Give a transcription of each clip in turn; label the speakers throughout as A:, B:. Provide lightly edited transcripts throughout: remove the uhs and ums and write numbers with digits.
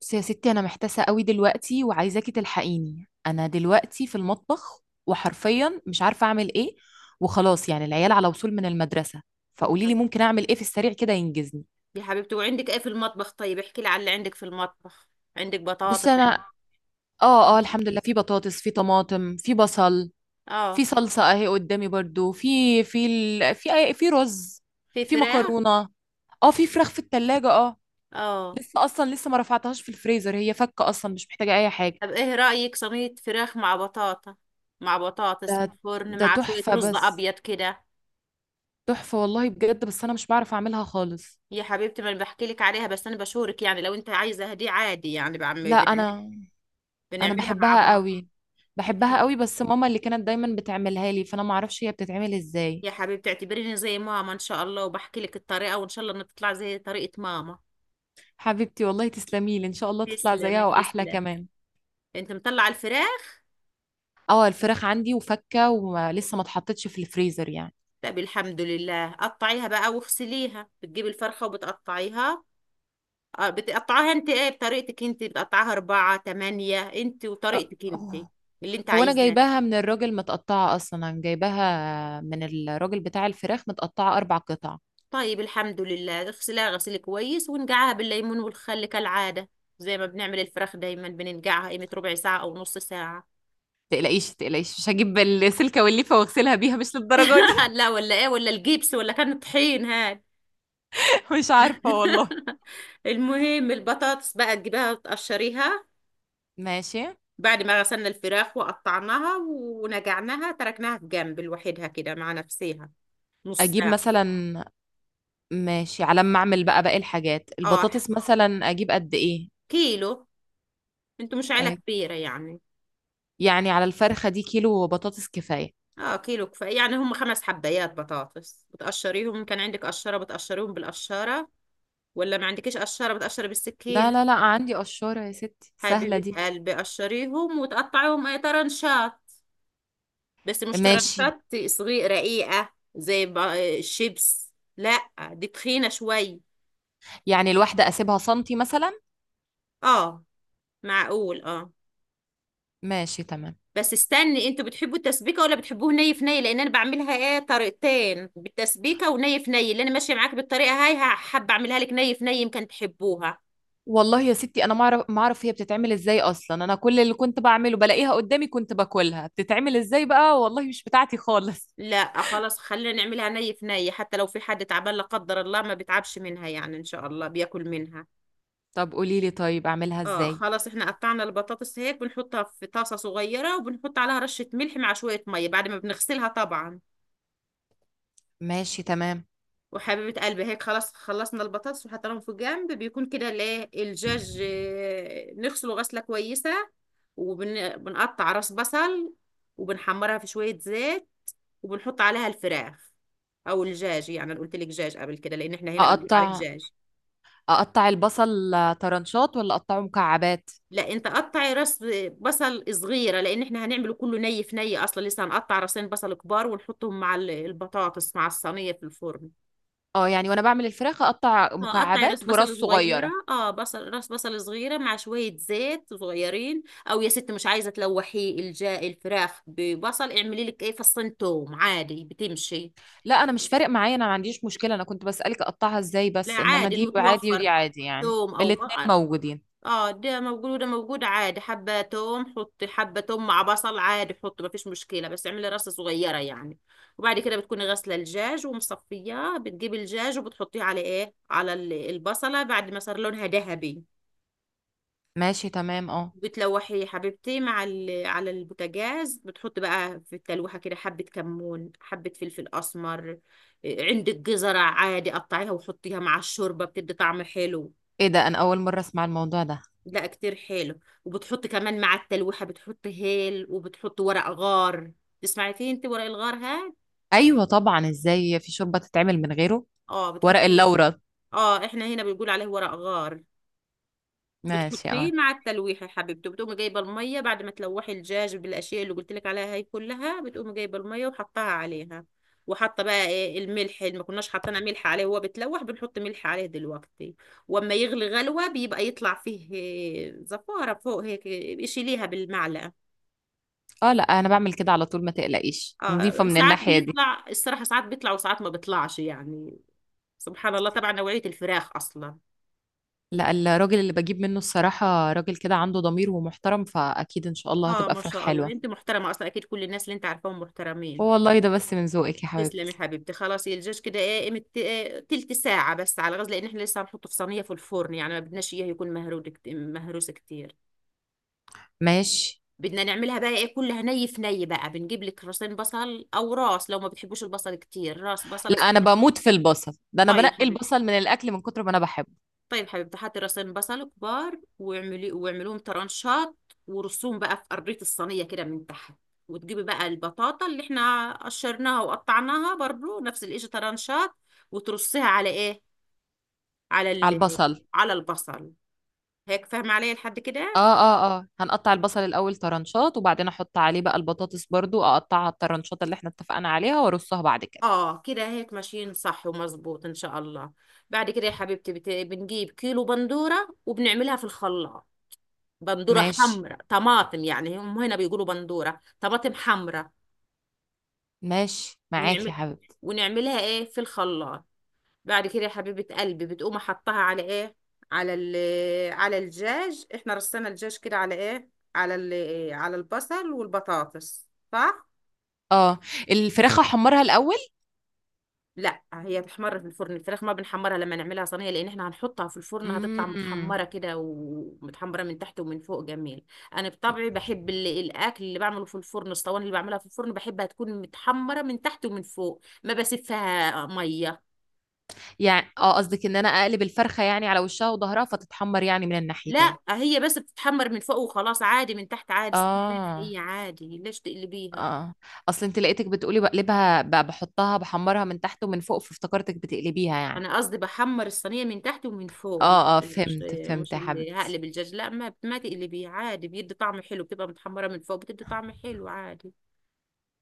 A: بس يا ستي، انا محتاسه قوي دلوقتي وعايزاكي تلحقيني. انا دلوقتي في المطبخ وحرفيا مش عارفه اعمل ايه. وخلاص يعني العيال على وصول من المدرسه،
B: يا
A: فقولي لي
B: حب-
A: ممكن اعمل ايه في السريع كده ينجزني.
B: يا حبيبتي، وعندك ايه في المطبخ؟ طيب احكي لي على اللي عندك في المطبخ. عندك بطاطس،
A: بصي
B: عندك...
A: انا، اه
B: مم.
A: اه، الحمد لله، في بطاطس، في طماطم، في بصل. في
B: اه.
A: صلصه اهي قدامي برضو، في رز،
B: في
A: في
B: فراخ؟
A: مكرونه. اه، في فراخ في التلاجة. اه،
B: اه.
A: لسه ما رفعتهاش في الفريزر، هي فكه اصلا، مش محتاجه اي حاجه.
B: طب ايه رأيك؟ صينية فراخ مع بطاطا، مع بطاطس
A: ده
B: في الفرن،
A: ده
B: مع شوية
A: تحفه.
B: رز
A: بس
B: ابيض كده.
A: تحفة والله بجد، بس انا مش بعرف اعملها خالص.
B: يا حبيبتي، ما انا بحكي لك عليها بس انا بشورك يعني، لو انت عايزة دي عادي، يعني بعم
A: لا،
B: بنعمل
A: انا
B: بنعملها مع
A: بحبها
B: بعض.
A: قوي. بحبها
B: بتحب؟
A: قوي، بس ماما اللي كانت دايما بتعملها لي، فانا ما اعرفش هي بتتعمل ازاي.
B: يا حبيبتي، اعتبريني زي ماما ان شاء الله، وبحكي لك الطريقة وان شاء الله انها تطلع زي طريقة ماما.
A: حبيبتي والله تسلمي لي، ان شاء الله تطلع
B: تسلم
A: زيها واحلى
B: تسلم.
A: كمان.
B: انت مطلعة الفراخ؟
A: اه، الفراخ عندي وفكة ولسه ما اتحطتش في الفريزر يعني.
B: لا، بالحمد لله قطعيها بقى واغسليها. بتجيبي الفرخة وبتقطعيها، اه بتقطعيها انت ايه بطريقتك انت، بتقطعيها اربعة تمانية انت
A: أه،
B: وطريقتك انت
A: أوه.
B: اللي انت
A: هو انا
B: عايزاه.
A: جايباها من الراجل متقطعة اصلا، انا جايباها من الراجل بتاع الفراخ متقطعة 4 قطع.
B: طيب الحمد لله، اغسلها غسيل كويس ونقعها بالليمون والخل كالعادة، زي ما بنعمل الفراخ دايما بننقعها قيمة ربع ساعة أو نص ساعة.
A: تقلقيش تقلقيش، مش هجيب السلكة والليفة واغسلها بيها، مش للدرجة دي.
B: لا، ولا ايه ولا الجبس ولا كان طحين هاد.
A: مش عارفة والله.
B: المهم البطاطس بقى تجيبها تقشريها.
A: ماشي.
B: بعد ما غسلنا الفراخ وقطعناها ونقعناها، تركناها في جنب لوحدها كده مع نفسها، نص
A: اجيب
B: ساعة.
A: مثلا ماشي، على ما اعمل بقى باقي الحاجات،
B: اه
A: البطاطس مثلا اجيب قد ايه؟
B: كيلو. انتوا مش عيلة
A: آه،
B: كبيرة يعني.
A: يعني على الفرخة دي كيلو بطاطس كفاية.
B: اه كيلو كفاية، يعني هم 5 حبايات بطاطس بتقشريهم، إن كان عندك قشرة بتقشريهم بالقشرة، ولا ما عندكيش قشرة بتقشري
A: لا
B: بالسكينة.
A: لا لا، عندي قشورة يا ستي، سهلة
B: حبيبة
A: دي.
B: قلبي، قشريهم وتقطعيهم اي طرنشات، بس مش
A: ماشي.
B: طرنشات صغيرة رقيقة زي الشيبس، لا دي تخينة شوي.
A: يعني الواحدة اسيبها سنتي مثلا.
B: اه معقول اه.
A: ماشي تمام.
B: بس استني، انتوا بتحبوا التسبيكه ولا بتحبوه ني في ني؟ لان انا بعملها ايه طريقتين، بالتسبيكه وني في ني. اللي انا ماشيه معاك بالطريقه هاي، حابه اعملها لك ني في ني يمكن تحبوها.
A: والله يا ستي انا ما اعرف ما اعرف هي بتتعمل ازاي اصلا. انا كل اللي كنت بعمله بلاقيها قدامي، كنت باكلها، بتتعمل ازاي بقى والله؟ مش بتاعتي خالص.
B: لا خلاص خلينا نعملها ني في ني، حتى لو في حد تعبان لا قدر الله، ما بيتعبش منها يعني، ان شاء الله بياكل منها.
A: طب قولي لي طيب اعملها
B: اه
A: ازاي.
B: خلاص، احنا قطعنا البطاطس هيك بنحطها في طاسه صغيره وبنحط عليها رشه ملح مع شويه ميه بعد ما بنغسلها طبعا.
A: ماشي تمام.
B: وحبيبة قلبي هيك خلاص، خلصنا البطاطس وحطيناهم في جنب، بيكون كده الايه الجاج، نغسله غسلة كويسة وبنقطع راس بصل وبنحمرها في شوية زيت وبنحط عليها الفراخ او الجاج. يعني انا قلت لك جاج قبل كده لان احنا هنا بنقول عليه
A: اقطع
B: جاج.
A: اقطع البصل آه، طرنشات ولا اقطعه مكعبات؟
B: لا انت قطعي راس بصل صغيرة، لان احنا هنعمله كله ني في ني اصلا، لسه هنقطع راسين بصل كبار ونحطهم مع البطاطس مع الصينية في الفرن.
A: اه، يعني وانا بعمل الفراخ اقطع
B: اه قطعي راس
A: مكعبات وراس
B: بصل صغيرة،
A: صغيره.
B: اه بصل راس بصل صغيرة مع شوية زيت صغيرين. او يا ست مش عايزة تلوحي الجا الفراخ ببصل، اعملي لك ايه فصين توم عادي بتمشي.
A: لا، انا مش فارق معايا، انا ما عنديش مشكله، انا كنت بسالك اقطعها ازاي
B: لا
A: بس، انما
B: عادي
A: دي عادي
B: المتوفر،
A: ودي عادي يعني،
B: توم او
A: الاتنين
B: بقى اه.
A: موجودين.
B: ده موجود وده موجود عادي، حبة توم حطي حبة توم مع بصل عادي حطي، مفيش مشكلة بس اعملي راس صغيرة يعني. وبعد كده بتكوني غاسلة الدجاج ومصفياه، بتجيبي الدجاج وبتحطيه على ايه، على البصلة بعد ما صار لونها ذهبي.
A: ماشي تمام. اه،
B: بتلوحي يا حبيبتي مع على البوتاجاز، بتحط بقى في التلوحة كده حبة كمون حبة فلفل أسمر. عندك جزرة عادي قطعيها وحطيها مع الشوربة بتدي طعم حلو.
A: ايه ده! انا اول مره اسمع الموضوع ده.
B: لا كتير حلو. وبتحط كمان مع التلوحة بتحط هيل وبتحط ورق غار. تسمعي فيه انت ورق الغار؟ ها
A: ايوه طبعا، ازاي في شوربه تتعمل من غيره!
B: اه
A: ورق
B: بتحطي.
A: اللورا.
B: اه احنا هنا بنقول عليه ورق غار.
A: ماشي
B: بتحطيه
A: اه.
B: مع التلويح يا حبيبتي، بتقومي جايبه الميه بعد ما تلوحي الدجاج بالاشياء اللي قلت لك عليها، هي كلها بتقومي جايبه الميه وحطها عليها. وحاطه بقى ايه الملح اللي ما كناش حاطينها، ملح عليه وهو بتلوح، بنحط ملح عليه دلوقتي. واما يغلي غلوه بيبقى يطلع فيه زفاره فوق هيك، شيليها بالمعلقه.
A: اه، لا انا بعمل كده على طول، ما تقلقيش، نظيفه
B: اه
A: من
B: ساعات
A: الناحيه دي.
B: بيطلع الصراحه، ساعات بيطلع وساعات ما بيطلعش يعني، سبحان الله، طبعا نوعيه الفراخ اصلا.
A: لا، الراجل اللي بجيب منه الصراحة راجل كده عنده ضمير ومحترم، فأكيد إن شاء الله
B: اه
A: هتبقى
B: ما
A: فراخ
B: شاء الله،
A: حلوة.
B: انت محترمه اصلا اكيد كل الناس اللي انت عارفاهم محترمين.
A: والله ده بس من ذوقك يا
B: تسلمي يا
A: حبيبتي.
B: حبيبتي. خلاص الجاج كده ايه قيمة تلت ساعة بس على غاز، لأن احنا لسه هنحطه في صينية في الفرن يعني ما بدناش اياه يكون مهرود مهروس كتير.
A: ماشي.
B: بدنا نعملها بقى ايه كلها ني في ني بقى، بنجيب لك راسين بصل أو راس، لو ما بتحبوش البصل كتير راس بصلة
A: لا،
B: سخنة.
A: أنا بموت في البصل، ده أنا
B: طيب
A: بنقي
B: حبيبتي.
A: البصل من الأكل من كتر ما أنا بحبه.
B: طيب حبيبتي، حطي راسين بصل كبار واعملي واعمليهم طرنشات، ورصوهم بقى في قرية الصينية كده من تحت، وتجيبي بقى البطاطا اللي احنا قشرناها وقطعناها برضو نفس الاشي طرنشات، وترصيها على ايه، على
A: على البصل.
B: على البصل. هيك فاهمة علي لحد
A: اه
B: كده؟
A: اه اه، هنقطع البصل الأول طرنشات وبعدين أحط عليه بقى البطاطس، برضو أقطعها الطرنشات اللي احنا اتفقنا عليها وأرصها بعد كده.
B: اه كده هيك ماشيين صح ومظبوط ان شاء الله. بعد كده يا حبيبتي، بنجيب كيلو بندورة وبنعملها في الخلاط، بندورة
A: ماشي.
B: حمراء طماطم يعني هم هنا بيقولوا بندورة طماطم حمراء.
A: ماشي معاك يا
B: ونعمل
A: حبيبتي.
B: ونعملها ايه في الخلاط. بعد كده يا حبيبة قلبي، بتقوم احطها على ايه، على على الدجاج. احنا رصينا الدجاج كده على ايه، على على البصل والبطاطس، صح.
A: اه، الفراخ أحمرها الأول؟
B: لا هي بتحمر في الفرن، الفراخ ما بنحمرها لما نعملها صينيه لان احنا هنحطها في الفرن هتطلع
A: مم.
B: متحمره كده، ومتحمره من تحت ومن فوق، جميل. انا بطبعي بحب الاكل اللي بعمله في الفرن، الصواني اللي بعملها في الفرن بحبها تكون متحمره من تحت ومن فوق، ما بسفها ميه.
A: يعني قصدك ان انا اقلب الفرخه يعني على وشها وظهرها فتتحمر يعني من
B: لا
A: الناحيتين؟
B: هي بس بتتحمر من فوق وخلاص عادي، من تحت عادي زي ما
A: اه
B: هي عادي، ليش تقلبيها.
A: اه، اصل انت لقيتك بتقولي بقلبها بحطها بحمرها من تحت ومن فوق، فافتكرتك بتقلبيها يعني.
B: انا قصدي بحمر الصينيه من تحت ومن فوق، مش
A: اه اه،
B: مش
A: فهمت فهمت
B: مش
A: يا
B: اللي
A: حبيبتي.
B: هقلب الدجاج، لا ما تقلبيه عادي بيدي طعم حلو، بتبقى متحمره من فوق بتدي طعم حلو عادي.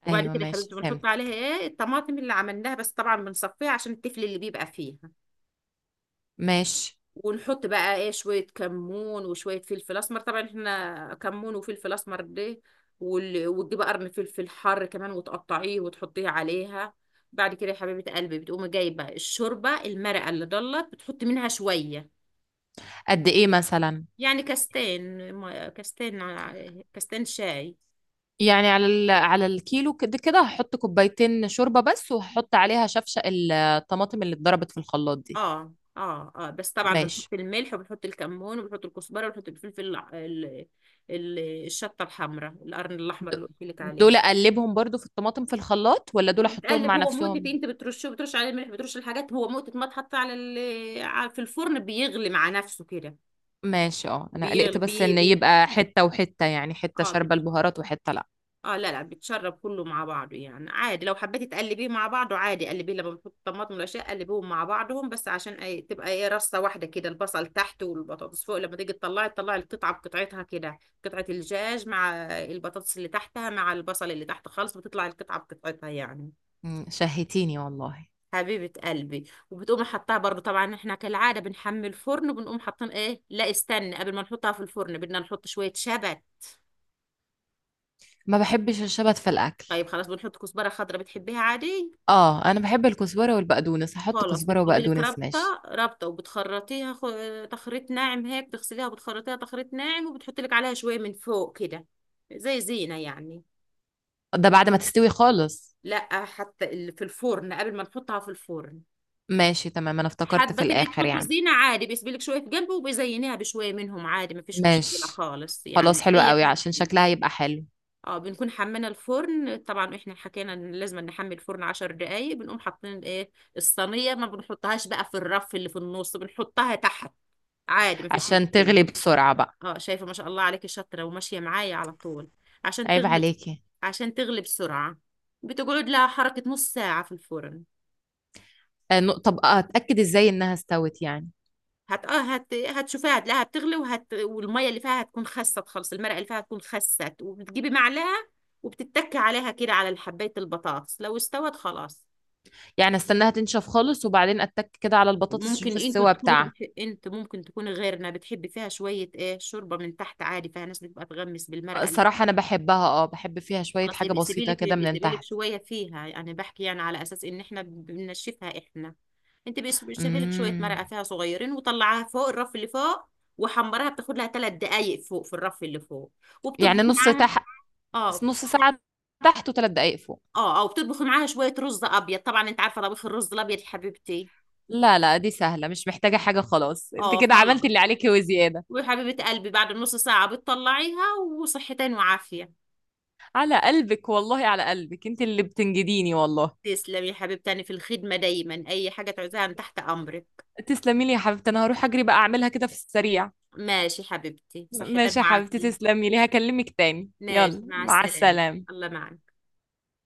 B: وبعد
A: ايوه
B: كده يا
A: ماشي،
B: حبيبتي بنحط عليها
A: فهمتك.
B: ايه الطماطم اللي عملناها، بس طبعا بنصفيها عشان التفل اللي بيبقى فيها،
A: ماشي.
B: ونحط بقى ايه شويه كمون وشويه فلفل اسمر طبعا احنا، كمون وفلفل اسمر ده، وتجيبي قرن فلفل حار كمان وتقطعيه وتحطيه عليها. بعد كده يا حبيبه قلبي، بتقومي جايبه الشوربه المرقه اللي ضلت بتحطي منها شويه.
A: قد ايه مثلا؟
B: يعني كاستين ما- كاستين ع- كاستين شاي.
A: يعني على الكيلو كده، كده هحط كوبايتين شوربه بس وهحط عليها شفشق الطماطم اللي اتضربت في الخلاط دي.
B: اه، اه، اه، بس طبعا
A: ماشي.
B: بنحط الملح وبنحط الكمون وبنحط الكزبره وبنحط الفلفل الشطه الحمراء القرن الاحمر
A: د-
B: اللي قلت لك
A: دول
B: عليه.
A: اقلبهم برضو في الطماطم في الخلاط، ولا دول
B: هو
A: احطهم
B: بتقلب،
A: مع
B: هو مقتت،
A: نفسهم؟
B: انت بترشه، بترش عليه الملح بترش الحاجات، هو مقتت ما تحط على في الفرن بيغلي مع نفسه كده.
A: ماشي اه، انا
B: بيغلي
A: قلقت بس
B: بي...
A: ان
B: بي...
A: يبقى حتة وحتة يعني، حتة
B: اه،
A: شاربة البهارات وحتة لا.
B: اه، لا، لا، بيتشرب كله مع بعضه يعني عادي، لو حبيتي تقلبيه مع بعضه عادي قلبيه، لما بتحط الطماطم والاشياء قلبيهم مع بعضهم بس عشان أي تبقى ايه رصه واحده كده، البصل تحت والبطاطس فوق، لما تيجي تطلعي القطعه بقطعتها كده، قطعه الدجاج مع البطاطس اللي تحتها مع البصل اللي تحت خالص، بتطلع القطعه بقطعتها يعني.
A: مم، شهيتيني والله.
B: حبيبة قلبي، وبتقوم حطها برضو طبعا احنا كالعادة بنحمي الفرن، وبنقوم حاطين ايه، لا استنى قبل ما نحطها في الفرن بدنا نحط شوية شبت.
A: ما بحبش الشبت في الاكل.
B: طيب خلاص، بنحط كزبرة خضراء بتحبيها عادي.
A: اه، انا بحب الكزبرة والبقدونس، هحط
B: خلاص
A: كزبرة
B: بتجيبي لك
A: وبقدونس. ماشي.
B: ربطة ربطة وبتخرطيها تخريط ناعم هيك، بتغسليها وبتخرطيها تخريط ناعم وبتحطي لك عليها شوية من فوق كده، زي زينة يعني.
A: ده بعد ما تستوي خالص؟
B: لا حتى في الفرن قبل ما نحطها في الفرن.
A: ماشي تمام، انا افتكرت
B: حابة
A: في
B: تبقي
A: الاخر
B: تحطي
A: يعني.
B: زينة عادي، بيسيبي لك شوية في جنبه وبيزينيها بشوية منهم عادي، مفيش مشكلة
A: ماشي.
B: خالص
A: خلاص،
B: يعني
A: حلو
B: أي
A: قوي
B: حاجة
A: عشان
B: فيه.
A: شكلها يبقى حلو.
B: اه بنكون حمينا الفرن طبعا، احنا حكينا ان لازم نحمي الفرن 10 دقايق، بنقوم حاطين ايه الصينية، ما بنحطهاش بقى في الرف اللي في النص بنحطها تحت عادي مفيش
A: عشان
B: مشكلة.
A: تغلي بسرعة بقى.
B: اه شايفة، ما شاء الله عليكي شاطرة وماشية معايا على طول. عشان
A: عيب
B: تغلب.
A: عليكي.
B: عشان تغلي بسرعة. بتقعد لها حركة نص ساعة في الفرن.
A: آه، طب اتاكد ازاي انها استوت يعني؟
B: هت اه هت هتشوفيها هتلاقيها بتغلي، والمية اللي فيها هتكون خست خالص، المرقة اللي فيها هتكون خست، وبتجيبي معلقة وبتتكي عليها كده على حباية البطاطس لو استوت خلاص.
A: يعني استناها تنشف خالص وبعدين اتك كده على البطاطس
B: ممكن
A: اشوف
B: انتوا
A: السوا
B: تكونوا
A: بتاعها.
B: تبح- انت ممكن تكوني غيرنا بتحبي فيها شوية ايه شوربة من تحت عادي، فيها ناس بتبقى تغمس بالمرقة.
A: الصراحة أنا بحبها، بحب فيها شوية
B: خلاص
A: حاجة
B: يبقى
A: بسيطة
B: سيبيلك
A: كده
B: يبقى
A: من
B: سيبيلك
A: تحت.
B: شويه فيها يعني، بحكي يعني على اساس ان احنا بننشفها احنا، انت بقى سيبيلك شويه
A: امم.
B: مرقه فيها صغيرين وطلعها فوق الرف اللي فوق، وحمرها بتاخد لها 3 دقائق فوق في الرف اللي فوق،
A: يعني
B: وبتطبخي
A: نص
B: معاها.
A: تحت،
B: اه،
A: نص ساعة تحت وثلاث دقايق فوق.
B: اه، اه، وبتطبخي معاها شويه رز ابيض، طبعا انت عارفه طبيخ الرز الابيض يا حبيبتي.
A: لا لا، دي سهلة، مش محتاجة حاجة، خلاص انت
B: اه
A: كده عملتي
B: خلاص.
A: اللي عليكي وزيادة.
B: وحبيبه قلبي بعد نص ساعه بتطلعيها، وصحتين وعافيه.
A: على قلبك والله، على قلبك، انت اللي بتنجديني والله.
B: تسلمي يا حبيبتي في الخدمه دايما، اي حاجه تعوزيها أنا تحت امرك.
A: تسلمي لي يا حبيبتي، أنا هروح أجري بقى أعملها كده في السريع.
B: ماشي حبيبتي، صحتين
A: ماشي يا حبيبتي،
B: وعافيه.
A: تسلمي لي، هكلمك تاني،
B: ماشي
A: يلا
B: مع
A: مع
B: السلامة.
A: السلامة.
B: الله معك.